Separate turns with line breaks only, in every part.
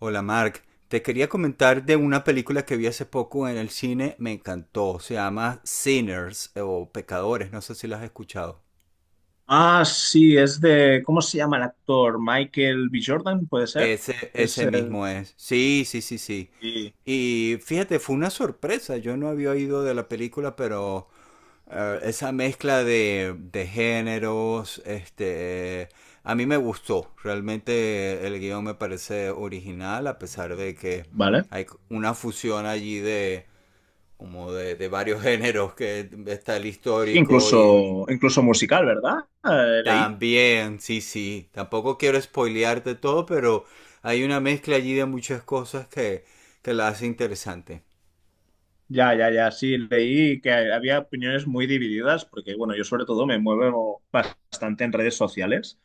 Hola Mark, te quería comentar de una película que vi hace poco en el cine, me encantó, se llama Sinners o Pecadores, no sé si la has escuchado.
Ah, sí, es de, ¿cómo se llama el actor? Michael B. Jordan, ¿puede ser?
Ese,
Es,
ese mismo es, sí, sí, sí, sí.
sí,
Y fíjate, fue una sorpresa, yo no había oído de la película, pero esa mezcla de géneros, este, a mí me gustó, realmente el guión me parece original, a pesar de que
vale.
hay una fusión allí de como de varios géneros, que está el
Sí,
histórico y
incluso musical, ¿verdad? Leí.
también, sí, sí, tampoco quiero spoilearte todo, pero hay una mezcla allí de muchas cosas que la hace interesante.
Ya, ya, ya, sí, leí que había opiniones muy divididas, porque bueno, yo sobre todo me muevo bastante en redes sociales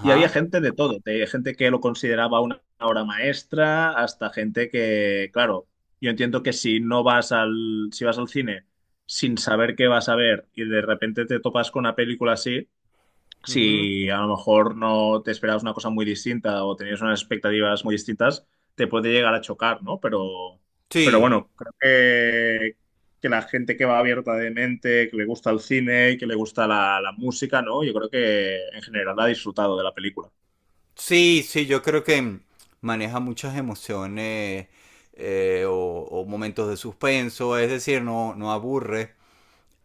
y había gente de todo, de gente que lo consideraba una obra maestra, hasta gente que, claro, yo entiendo que si vas al cine sin saber qué vas a ver y de repente te topas con una película así,
Ujú.
si a lo mejor no te esperabas una cosa muy distinta o tenías unas expectativas muy distintas, te puede llegar a chocar, ¿no? Pero
Sí,
bueno, que la gente que va abierta de mente, que le gusta el cine, que le gusta la música, ¿no? Yo creo que en general ha disfrutado de la película.
sí, sí, yo creo que maneja muchas emociones o momentos de suspenso, es decir, no, no aburre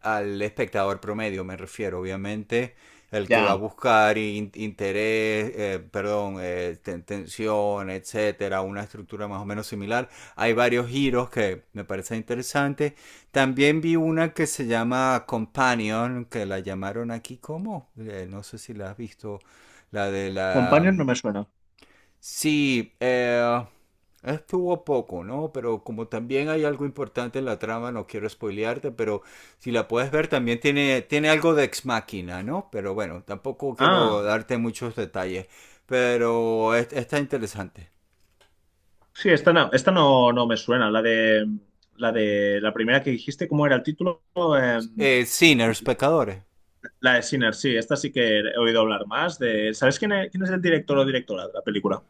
al espectador promedio, me refiero, obviamente, el que va a
Ya,
buscar interés, perdón, tensión, etcétera, una estructura más o menos similar. Hay varios giros que me parecen interesantes. También vi una que se llama Companion, que la llamaron aquí como, no sé si la has visto, la de la,
Companion no me suena.
sí, estuvo poco, ¿no? Pero como también hay algo importante en la trama, no quiero spoilearte, pero si la puedes ver también tiene algo de ex máquina, ¿no? Pero bueno, tampoco quiero
Ah,
darte muchos detalles, pero está interesante.
sí, esta no, no me suena, la de la primera que dijiste, ¿cómo era el título?
Sinners, pecadores.
La de Sinner, sí, esta sí que he oído hablar más de... ¿Sabes quién es el director o directora de la película?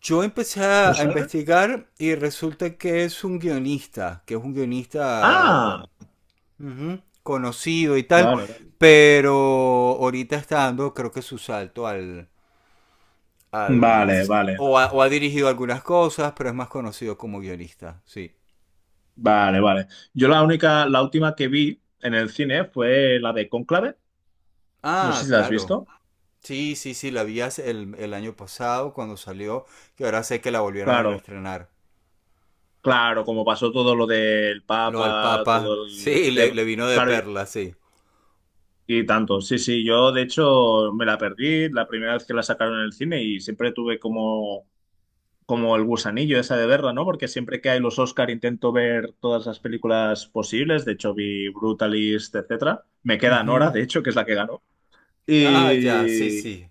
Yo empecé
¿No
a
sabes?
investigar y resulta que es un guionista, que es un guionista
Ah,
ujú, conocido y tal,
vale.
pero ahorita está dando creo que su salto al, al
Vale, vale,
o ha dirigido algunas cosas, pero es más conocido como guionista, sí.
vale, vale. Yo la única, la última que vi en el cine fue la de Cónclave. No sé
Ah,
si la has
claro.
visto.
Sí, sí, sí, la vi el año pasado cuando salió, que ahora sé que la volvieron a
Claro,
reestrenar.
claro, como pasó todo lo del
Lo del
Papa,
Papa,
todo el
sí, le,
tema.
le vino de
Claro, yo-
perla, sí.
y tanto. Sí, sí, yo de hecho me la perdí la primera vez que la sacaron en el cine y siempre tuve como como el gusanillo esa de verla, ¿no? Porque siempre que hay los Oscar intento ver todas las películas posibles. De hecho, vi Brutalist, etcétera. Me queda Nora,
Ujú.
de hecho, que es la que ganó.
Ah, ya, sí,
Y,
sí.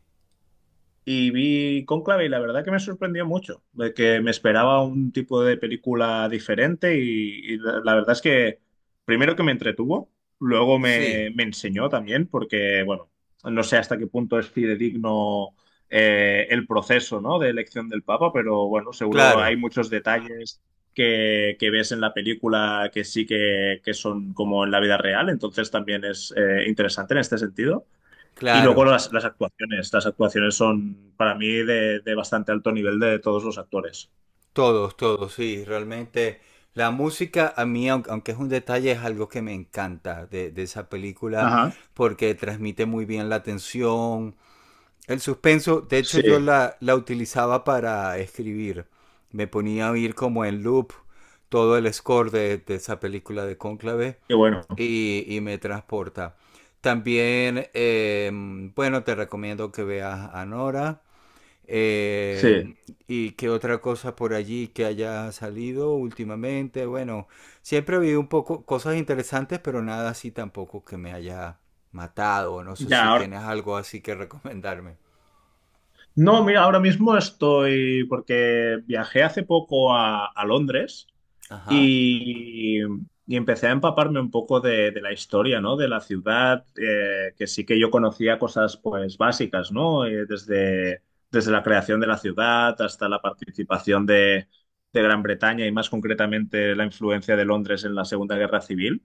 y vi Cónclave y la verdad que me sorprendió mucho, de que me esperaba un tipo de película diferente y, la verdad es que primero que me entretuvo, luego
Sí,
me enseñó también, porque bueno, no sé hasta qué punto es fidedigno el proceso, ¿no? De elección del Papa, pero bueno, seguro
claro,
hay muchos detalles que ves en la película que sí que son como en la vida real, entonces también es interesante en este sentido. Y
claro.
luego las actuaciones. Las actuaciones son para mí de bastante alto nivel de todos los actores.
Todos, todos, sí. Realmente la música a mí, aunque es un detalle, es algo que me encanta de esa película
Ajá,
porque transmite muy bien la tensión, el suspenso. De hecho yo
sí,
la utilizaba para escribir. Me ponía a oír como en loop todo el score de esa película de Cónclave
qué bueno,
y me transporta. También, bueno, te recomiendo que veas a Nora. eh,
sí.
¿Y qué otra cosa por allí que haya salido últimamente? Bueno, siempre ha habido un poco cosas interesantes, pero nada así tampoco que me haya matado. No sé
Ya,
si
ahora.
tienes algo así que recomendarme.
No, mira, ahora mismo estoy. Porque viajé hace poco a Londres.
Ajá,
Y, y empecé a empaparme un poco de la historia, ¿no? De la ciudad, que sí que yo conocía cosas, pues, básicas, ¿no? Desde la creación de la ciudad hasta la participación de Gran Bretaña y más concretamente la influencia de Londres en la Segunda Guerra Civil.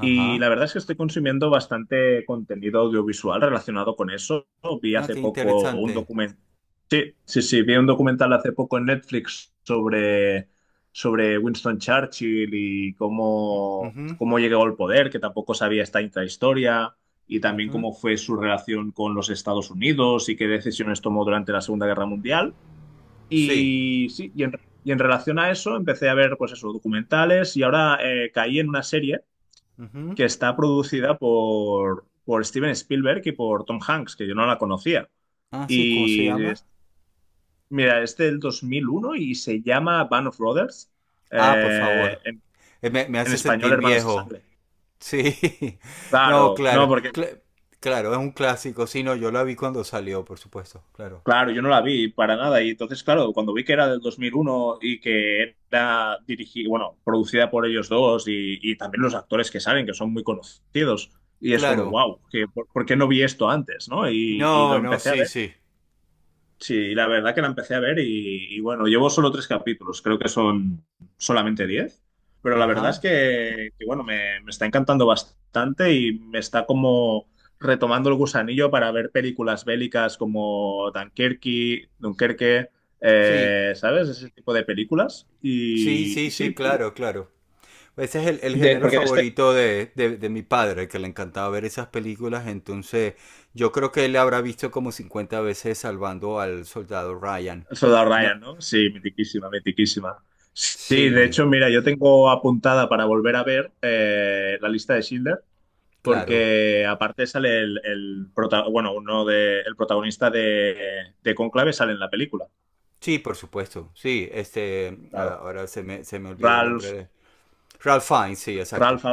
Y la verdad es que estoy consumiendo bastante contenido audiovisual relacionado con eso. Vi
Ah,
hace
qué
poco un
interesante.
documental. Sí, sí, sí, vi un documental hace poco en Netflix sobre, sobre Winston Churchill y cómo,
Ujú,
cómo llegó al poder, que tampoco sabía esta intrahistoria, y también
ujú.
cómo fue su relación con los Estados Unidos y qué decisiones tomó durante la Segunda Guerra Mundial.
Sí.
Y sí, y en, y en relación a eso empecé a ver, pues eso, documentales y ahora caí en una serie
Ujú.
que está producida por Steven Spielberg y por Tom Hanks, que yo no la conocía.
Ah, sí, ¿cómo se
Y
llama?
es- Mira, es del 2001 y se llama Band of Brothers,
Ah, por
eh,
favor.
en,
Me
en
hace
español
sentir
Hermanos de
viejo.
Sangre.
Sí. No,
Claro, no,
claro.
porque,
Claro, es un clásico. Sí, no, yo la vi cuando salió, por supuesto. Claro.
claro, yo no la vi para nada. Y entonces, claro, cuando vi que era del 2001 y que era dirigida, bueno, producida por ellos dos y también los actores que salen, que son muy conocidos, y es como,
Claro.
wow, por qué no vi esto antes? ¿No? Y lo
No, no,
empecé a
sí,
ver.
sí.
Sí, la verdad que la empecé a ver y bueno, llevo solo tres capítulos, creo que son solamente diez, pero la verdad es
Ajá.
que, bueno, me está encantando bastante y me está como retomando el gusanillo para ver películas bélicas como Dunkerque,
Sí.
¿sabes? Ese tipo de películas.
Sí, sí,
Y
sí,
sí,
claro, claro. Ese es el
de-
género
porque de este...
favorito de mi padre, que le encantaba ver esas películas. Entonces, yo creo que él habrá visto como 50 veces Salvando al Soldado Ryan.
Soldado
No,
Ryan, ¿no? Sí, mitiquísima, mitiquísima. Sí, de
sí,
hecho, mira, yo tengo apuntada para volver a ver la lista de Schindler
claro.
porque aparte sale el bueno, uno de, el protagonista de Cónclave sale en la película.
Sí, por supuesto. Sí, este,
Claro.
ah, ahora se se me olvidó el nombre
Ralph,
de... Ralph Fiennes, sí, exacto.
Ralph,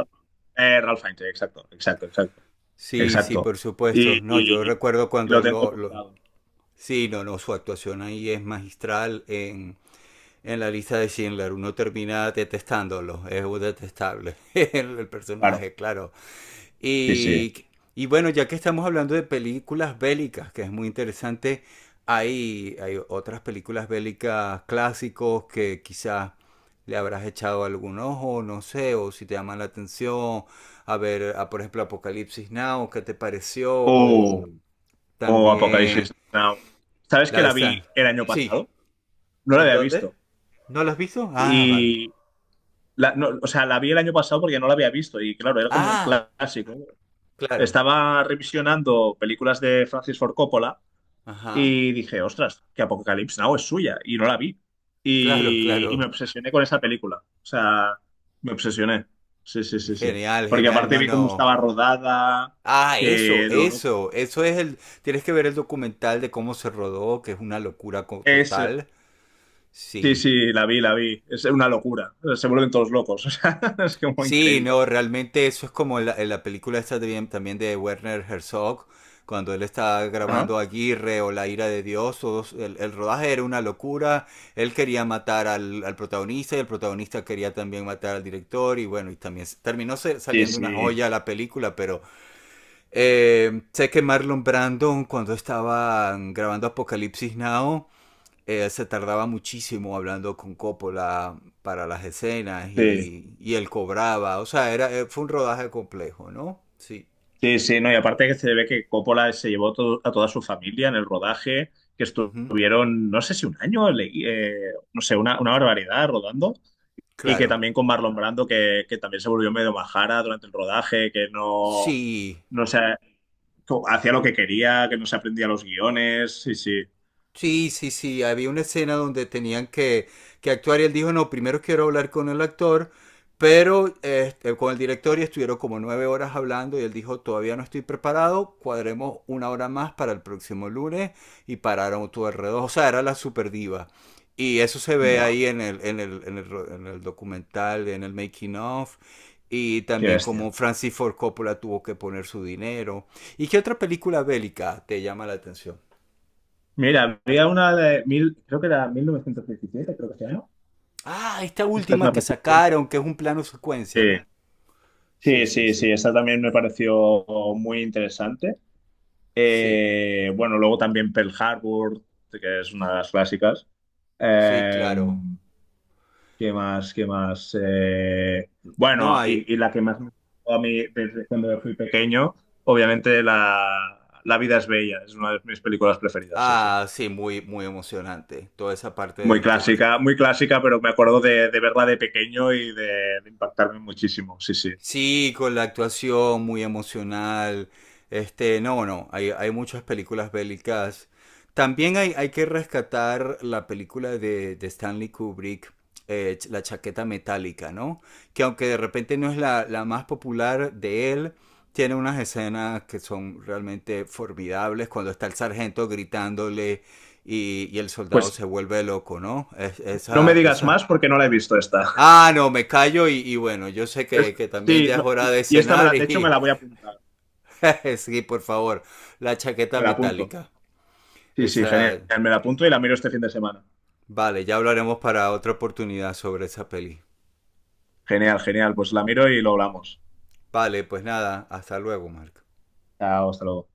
Ralph Fiennes, exacto,
Sí, sí,
exacto.
por supuesto.
Y,
No, yo
y-
recuerdo
y
cuando
lo
él
tengo
lo-
apuntado.
Sí, no, no, su actuación ahí es magistral en la lista de Schindler. Uno termina detestándolo, es un detestable el
Claro.
personaje, claro.
Sí, sí.
Y, y bueno, ya que estamos hablando de películas bélicas, que es muy interesante, hay otras películas bélicas clásicos que quizás le habrás echado algún ojo, no sé, o si te llama la atención, a ver, a, por ejemplo, Apocalipsis Now, ¿qué te pareció? O
O, o
también
Apocalipsis Now. ¿Sabes que
la de
la
Stan.
vi el año
Sí,
pasado? No la
¿en
había
dónde?
visto.
¿No la has visto? Ah, vale.
Y, no, o sea, la vi el año pasado porque no la había visto. Y claro, era como un
Ah,
clásico.
claro.
Estaba revisionando películas de Francis Ford Coppola
Ajá.
y dije, ostras, que Apocalypse Now es suya y no la vi.
Claro,
Y me
claro.
obsesioné con esa película. O sea, me obsesioné. Sí, sí, sí, sí.
Genial,
Porque
genial.
aparte
No,
vi cómo
no.
estaba rodada,
Ah, eso,
que lo-
eso. Eso es el... Tienes que ver el documental de cómo se rodó, que es una locura
es...
total.
Sí,
Sí.
sí, la vi, la vi. Es una locura. Se vuelven todos locos. O sea, es como
Sí,
increíble.
no, realmente eso es como en la película esta también de Werner Herzog, cuando él está
Ajá.
grabando Aguirre o La ira de Dios, el rodaje era una locura, él quería matar al, al protagonista y el protagonista quería también matar al director y bueno, y también terminó
Sí,
saliendo una
sí.
joya la película, pero sé que Marlon Brandon cuando estaban grabando Apocalipsis Now, se tardaba muchísimo hablando con Coppola para las escenas
Sí.
y él cobraba. O sea, era, fue un rodaje complejo, ¿no? Sí.
Sí, sí, no, y aparte que se ve que Coppola se llevó a toda su familia en el rodaje, que
Ujú.
estuvieron, no sé si un año, leí, no sé, una barbaridad rodando, y que
Claro.
también con Marlon Brando, que también se volvió medio majara durante el rodaje, que no,
Sí.
no sé, hacía lo que quería, que no se aprendía los guiones, sí, sí.
Sí, sí, sí, había una escena donde tenían que actuar y él dijo, no, primero quiero hablar con el actor, pero este, con el director y estuvieron como 9 horas hablando y él dijo, todavía no estoy preparado, cuadremos una hora más para el próximo lunes y pararon todo alrededor, o sea, era la super diva. Y eso se ve
Buah,
ahí en en el documental, en el making of. Y
qué
también
bestia.
como Francis Ford Coppola tuvo que poner su dinero. ¿Y qué otra película bélica te llama la atención?
Mira, había una de mil, creo que era 1917, creo que se llama,
Ah, esta
que esta es
última
más
que
reciente.
sacaron, que es un plano secuencia,
Sí,
¿no? Sí,
sí,
sí,
sí, sí,
sí.
esa también me pareció muy interesante.
Sí,
Bueno, luego también Pearl Harbor, que es una de las clásicas.
sí,
Eh,
claro.
¿Qué más? ¿Qué más?
No
Bueno,
hay.
y la que más me gustó a mí desde cuando fui pequeño, obviamente La vida es bella, es una de mis películas preferidas, sí, sí.
Ah, sí, muy, muy emocionante. Toda esa parte de que
Muy clásica, pero me acuerdo de verla de pequeño y de impactarme muchísimo, sí, sí.
sí, con la actuación muy emocional. Este, no, no, hay muchas películas bélicas. También hay que rescatar la película de Stanley Kubrick, La chaqueta metálica, ¿no? Que aunque de repente no es la más popular de él, tiene unas escenas que son realmente formidables cuando está el sargento gritándole y el soldado
Pues
se vuelve loco, ¿no? Es,
no me
esa,
digas
esas...
más porque no la he visto esta.
Ah, no, me callo y bueno, yo sé
Es-
que también
sí,
ya es
no,
hora de
y
cenar
de hecho me
y
la voy a apuntar,
sí, por favor, la chaqueta
me la apunto.
metálica.
Sí, sí, genial.
Esa,
Me la apunto y la miro este fin de semana.
vale, ya hablaremos para otra oportunidad sobre esa peli.
Genial, genial. Pues la miro y lo hablamos.
Vale, pues nada, hasta luego, Marco.
Chao, hasta luego.